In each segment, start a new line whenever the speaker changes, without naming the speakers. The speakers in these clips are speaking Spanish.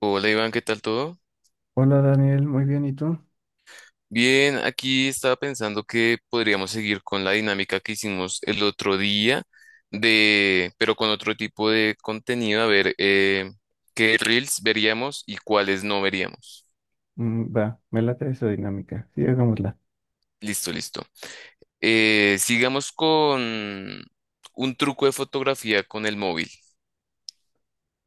Hola Iván, ¿qué tal todo?
Hola Daniel, muy bien, ¿y tú?
Bien, aquí estaba pensando que podríamos seguir con la dinámica que hicimos el otro día, de, pero con otro tipo de contenido, a ver qué reels veríamos y cuáles no veríamos.
Mm, va, me late esa dinámica, sí, hagámosla.
Listo, listo. Sigamos con un truco de fotografía con el móvil.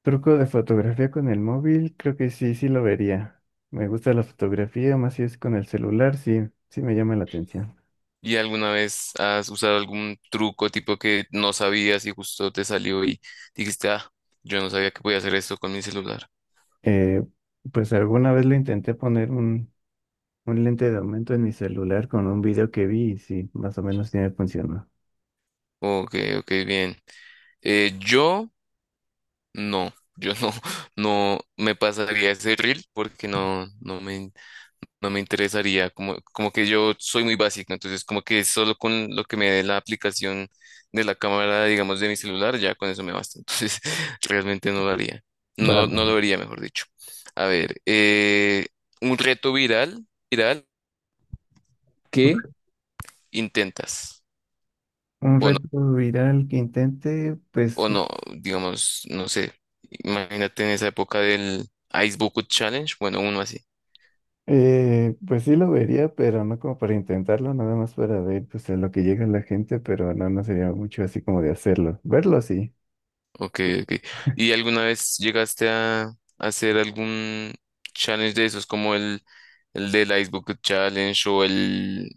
Truco de fotografía con el móvil, creo que sí, sí lo vería. Me gusta la fotografía, más si es con el celular, sí, sí me llama la atención.
¿Y alguna vez has usado algún truco tipo que no sabías y justo te salió y dijiste, ah, yo no sabía que podía hacer esto con mi celular?
Eh, pues alguna vez lo intenté poner un lente de aumento en mi celular con un video que vi y sí, más o menos sí me funcionó.
Ok, ok, bien. Yo no, yo no, no me pasaría ese reel porque no, no me, no me interesaría, como, como que yo soy muy básico, entonces como que solo con lo que me dé la aplicación de la cámara, digamos, de mi celular, ya con eso me basta, entonces realmente no lo haría, no,
Va,
no lo vería, mejor dicho. A ver, un reto viral, viral, ¿qué intentas?
un
O
reto viral que intente, pues.
o no, digamos, no sé, imagínate en esa época del Ice Bucket Challenge, bueno, uno así.
Pues sí lo vería, pero no como para intentarlo, nada más para ver pues a lo que llega la gente, pero no, no sería mucho así como de hacerlo. Verlo sí.
Ok, ok. ¿Y alguna vez llegaste a hacer algún challenge de esos, como el del Ice Bucket Challenge o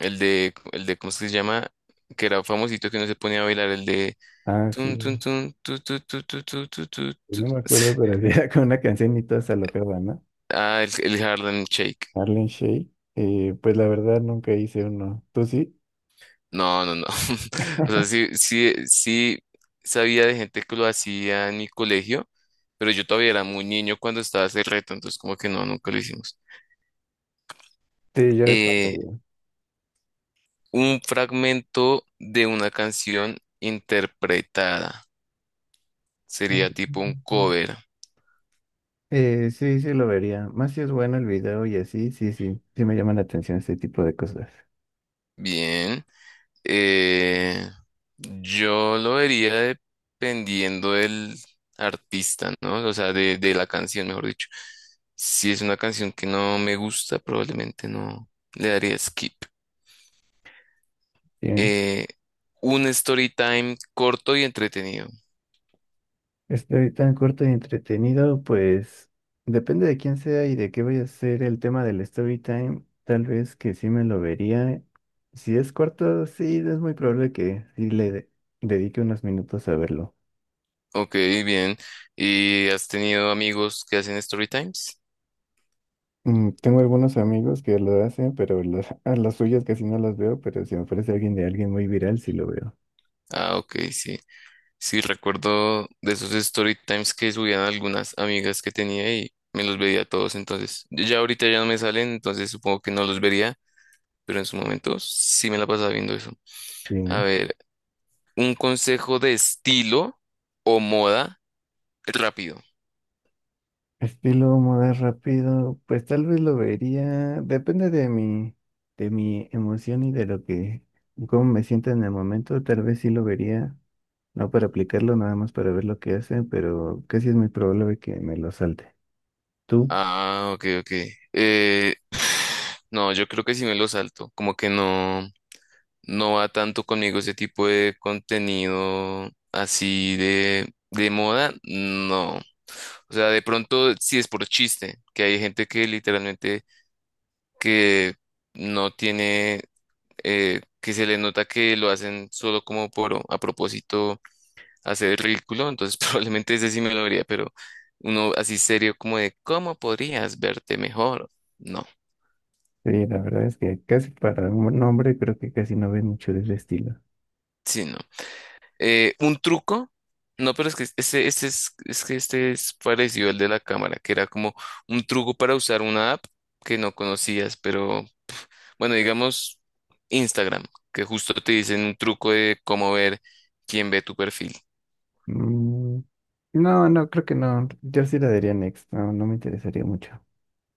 el de, cómo es que se llama? Que era famosito que no se ponía a bailar, el de...
Ah, sí.
tun, tun, tun, tu, tu, tu, tu, tu, tu, tu, tu.
No me acuerdo, pero era con una canción y todos se alocaban, ¿no?
Ah, el Harlem Shake.
Marlene Shea. Pues la verdad nunca hice uno. ¿Tú sí?
No, no, no. O sea, sí, sí, sí sabía de gente que lo hacía en mi colegio, pero yo todavía era muy niño cuando estaba ese reto, entonces como que no, nunca lo hicimos.
Sí, yo
Eh,
pasaría.
un fragmento de una canción interpretada. Sería tipo un cover.
Sí, sí lo vería. Más si es bueno el video y así, sí, sí, sí me llama la atención este tipo de cosas.
Bien. Eh, yo lo vería dependiendo del artista, ¿no? O sea, de la canción, mejor dicho. Si es una canción que no me gusta, probablemente no le daría skip.
Bien.
Eh, un story time corto y entretenido.
Estoy tan corto y entretenido, pues depende de quién sea y de qué vaya a ser el tema del story time. Tal vez que sí me lo vería. Si es corto, sí, es muy probable que sí dedique unos minutos a verlo.
Ok, bien. ¿Y has tenido amigos que hacen story times?
Mm, tengo algunos amigos que lo hacen, pero a las suyas casi no las veo, pero si me aparece alguien de alguien muy viral, sí lo veo.
Ah, ok, sí. Sí, recuerdo de esos story times que subían algunas amigas que tenía y me los veía todos. Entonces, ya ahorita ya no me salen, entonces supongo que no los vería, pero en su momento sí me la pasaba viendo eso. A ver, un consejo de estilo o moda rápido.
Estilo mover rápido, pues tal vez lo vería, depende de de mi emoción y de lo que, cómo me sienta en el momento, tal vez sí lo vería, no para aplicarlo, nada más para ver lo que hace, pero casi es muy probable que me lo salte. ¿Tú?
Ah, ok, ok. Eh, no, yo creo que sí me lo salto. Como que no. No va tanto conmigo ese tipo de contenido así de moda, no. O sea, de pronto sí es por chiste, que hay gente que literalmente que no tiene, que se le nota que lo hacen solo como por a propósito hacer el ridículo, entonces probablemente ese sí me lo vería, pero uno así serio como de, ¿cómo podrías verte mejor? No,
Sí, la verdad es que casi para un hombre creo que casi no ve mucho de ese estilo.
sí, no. Eh, un truco, no, pero es que este es que este es parecido al de la cámara, que era como un truco para usar una app que no conocías, pero bueno, digamos Instagram, que justo te dicen un truco de cómo ver quién ve tu perfil.
Mm, no, no, creo que no, yo sí la daría next, no, no me interesaría mucho.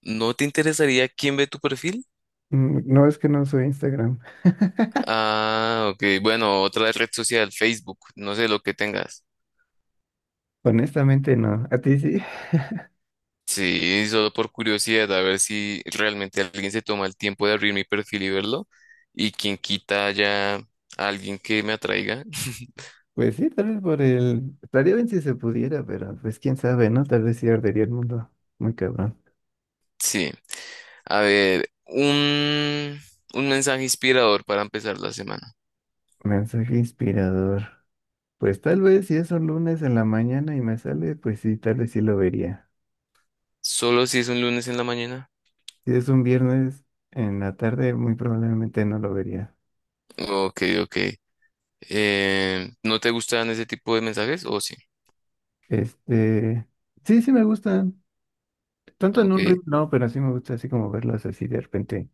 ¿No te interesaría quién ve tu perfil?
Mm, no, es que no soy Instagram,
Ah, ok, bueno, otra red social, Facebook, no sé lo que tengas.
honestamente no, ¿a ti sí?
Sí, solo por curiosidad, a ver si realmente alguien se toma el tiempo de abrir mi perfil y verlo. Y quien quita ya a alguien que me atraiga.
Pues sí, tal vez por el... Estaría bien si se pudiera, pero pues quién sabe, ¿no? Tal vez sí ardería el mundo. Muy cabrón.
Sí. A ver, un mensaje inspirador para empezar la semana.
Mensaje inspirador. Pues tal vez si es un lunes en la mañana y me sale, pues sí, tal vez sí lo vería.
Solo si es un lunes en la mañana.
Si es un viernes en la tarde, muy probablemente no lo vería.
Ok, ok. ¿No te gustan ese tipo de mensajes? O sí.
Este... Sí, sí me gustan. Tanto en un
Ok.
reel, no, pero sí me gusta así como verlos así de repente.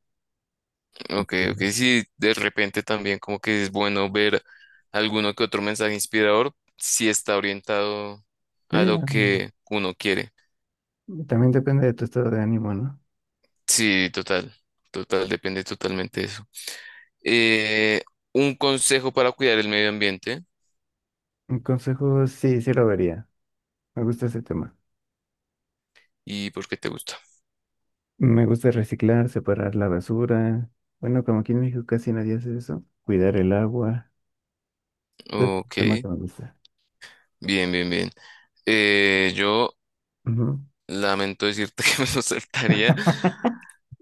Ok,
Sí,
ok, sí, de repente también como que es bueno ver alguno que otro mensaje inspirador si está orientado
sí,
a lo que uno quiere.
también depende de tu estado de ánimo, ¿no?
Sí, total, total, depende totalmente de eso. Eh, un consejo para cuidar el medio ambiente
Un consejo, sí, sí lo vería. Me gusta ese tema.
y por qué te gusta.
Me gusta reciclar, separar la basura. Bueno, como aquí en México casi nadie hace eso. Cuidar el agua. Es un
Ok,
tema que me gusta.
bien, bien, bien. Yo
Ujú.
lamento decirte que me lo saltaría.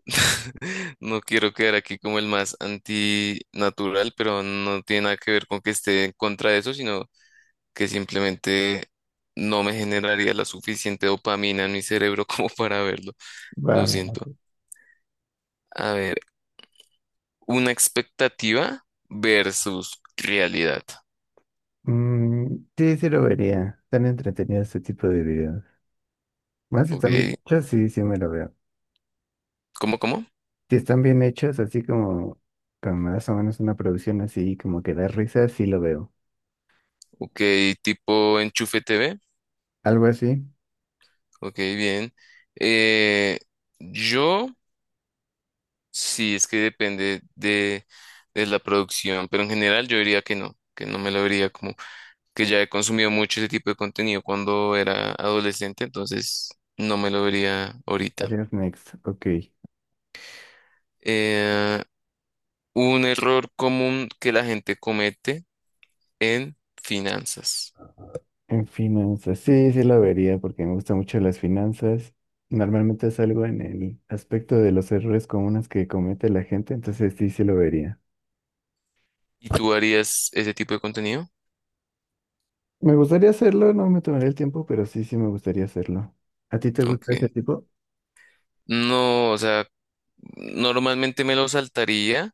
No quiero quedar aquí como el más antinatural, pero no tiene nada que ver con que esté en contra de eso, sino que simplemente no me generaría la suficiente dopamina en mi cerebro como para verlo.
Va,
Lo
me
siento.
late.
A ver, una expectativa versus realidad.
Mm, sí, sí lo vería. Están entretenidos este tipo de videos. Más si están bien
Ok,
hechos, sí, sí me lo veo.
¿cómo, cómo?
Si están bien hechos, así como con más o menos una producción así, como que da risa, sí lo veo.
Ok, tipo enchufe TV.
Algo así.
Ok, bien. Eh, yo. Sí, es que depende de la producción, pero en general yo diría que no me lo vería como que ya he consumido mucho ese tipo de contenido cuando era adolescente, entonces no me lo vería ahorita.
Adiós, next. Ok.
Eh, un error común que la gente comete en finanzas.
En finanzas, sí, sí la vería porque me gustan mucho las finanzas. Normalmente salgo en el aspecto de los errores comunes que comete la gente, entonces sí, sí lo vería.
¿Y tú harías ese tipo de contenido?
Me gustaría hacerlo, no me tomaré el tiempo, pero sí, sí me gustaría hacerlo. ¿A ti te gusta ese
Ok.
tipo?
No, o sea, normalmente me lo saltaría,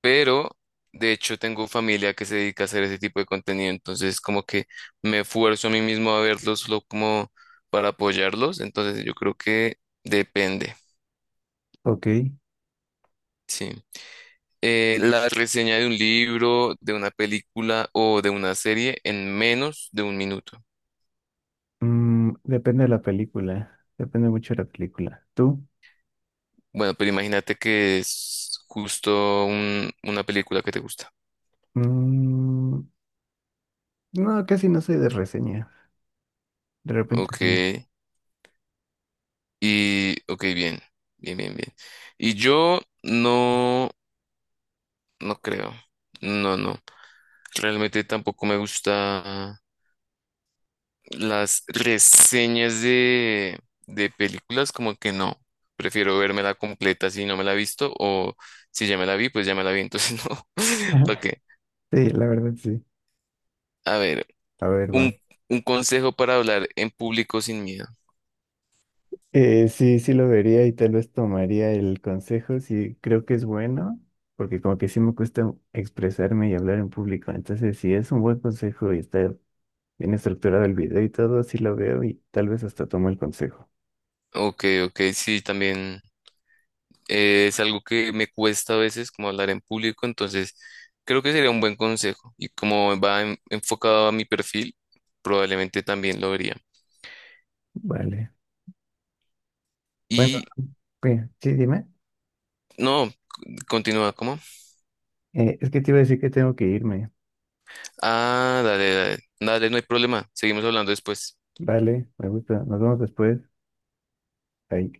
pero de hecho tengo familia que se dedica a hacer ese tipo de contenido, entonces como que me esfuerzo a mí mismo a verlos solo como para apoyarlos, entonces yo creo que depende,
Ok.
sí. La reseña de un libro, de una película o de una serie en menos de un minuto.
Mm, depende de la película, depende mucho de la película. ¿Tú?
Bueno, pero imagínate que es justo una película que te gusta.
Mm, no, casi no soy de reseña. De repente
Ok,
no.
y ok, bien, bien, bien, bien. Y yo no, no creo. No, no. Realmente tampoco me gusta las reseñas de películas, como que no. Prefiero vermela completa si no me la he visto o si ya me la vi, pues ya me la vi, entonces no. ¿Para qué?
Sí, la verdad sí.
A ver,
A ver,
un,
va.
un consejo para hablar en público sin miedo.
Sí, sí lo vería y tal vez tomaría el consejo, sí creo que es bueno, porque como que sí me cuesta expresarme y hablar en público, entonces si es un buen consejo y está bien estructurado el video y todo, sí lo veo y tal vez hasta tomo el consejo.
Ok, ok, sí, también es algo que me cuesta a veces como hablar en público, entonces creo que sería un buen consejo y como va enfocado a mi perfil, probablemente también lo haría.
Vale. Bueno,
Y
oye, sí, dime.
no, continúa, ¿cómo?
Es que te iba a decir que tengo que irme.
Ah, dale, dale, dale, no hay problema. Seguimos hablando después.
Vale, me gusta. Nos vemos después. Ahí.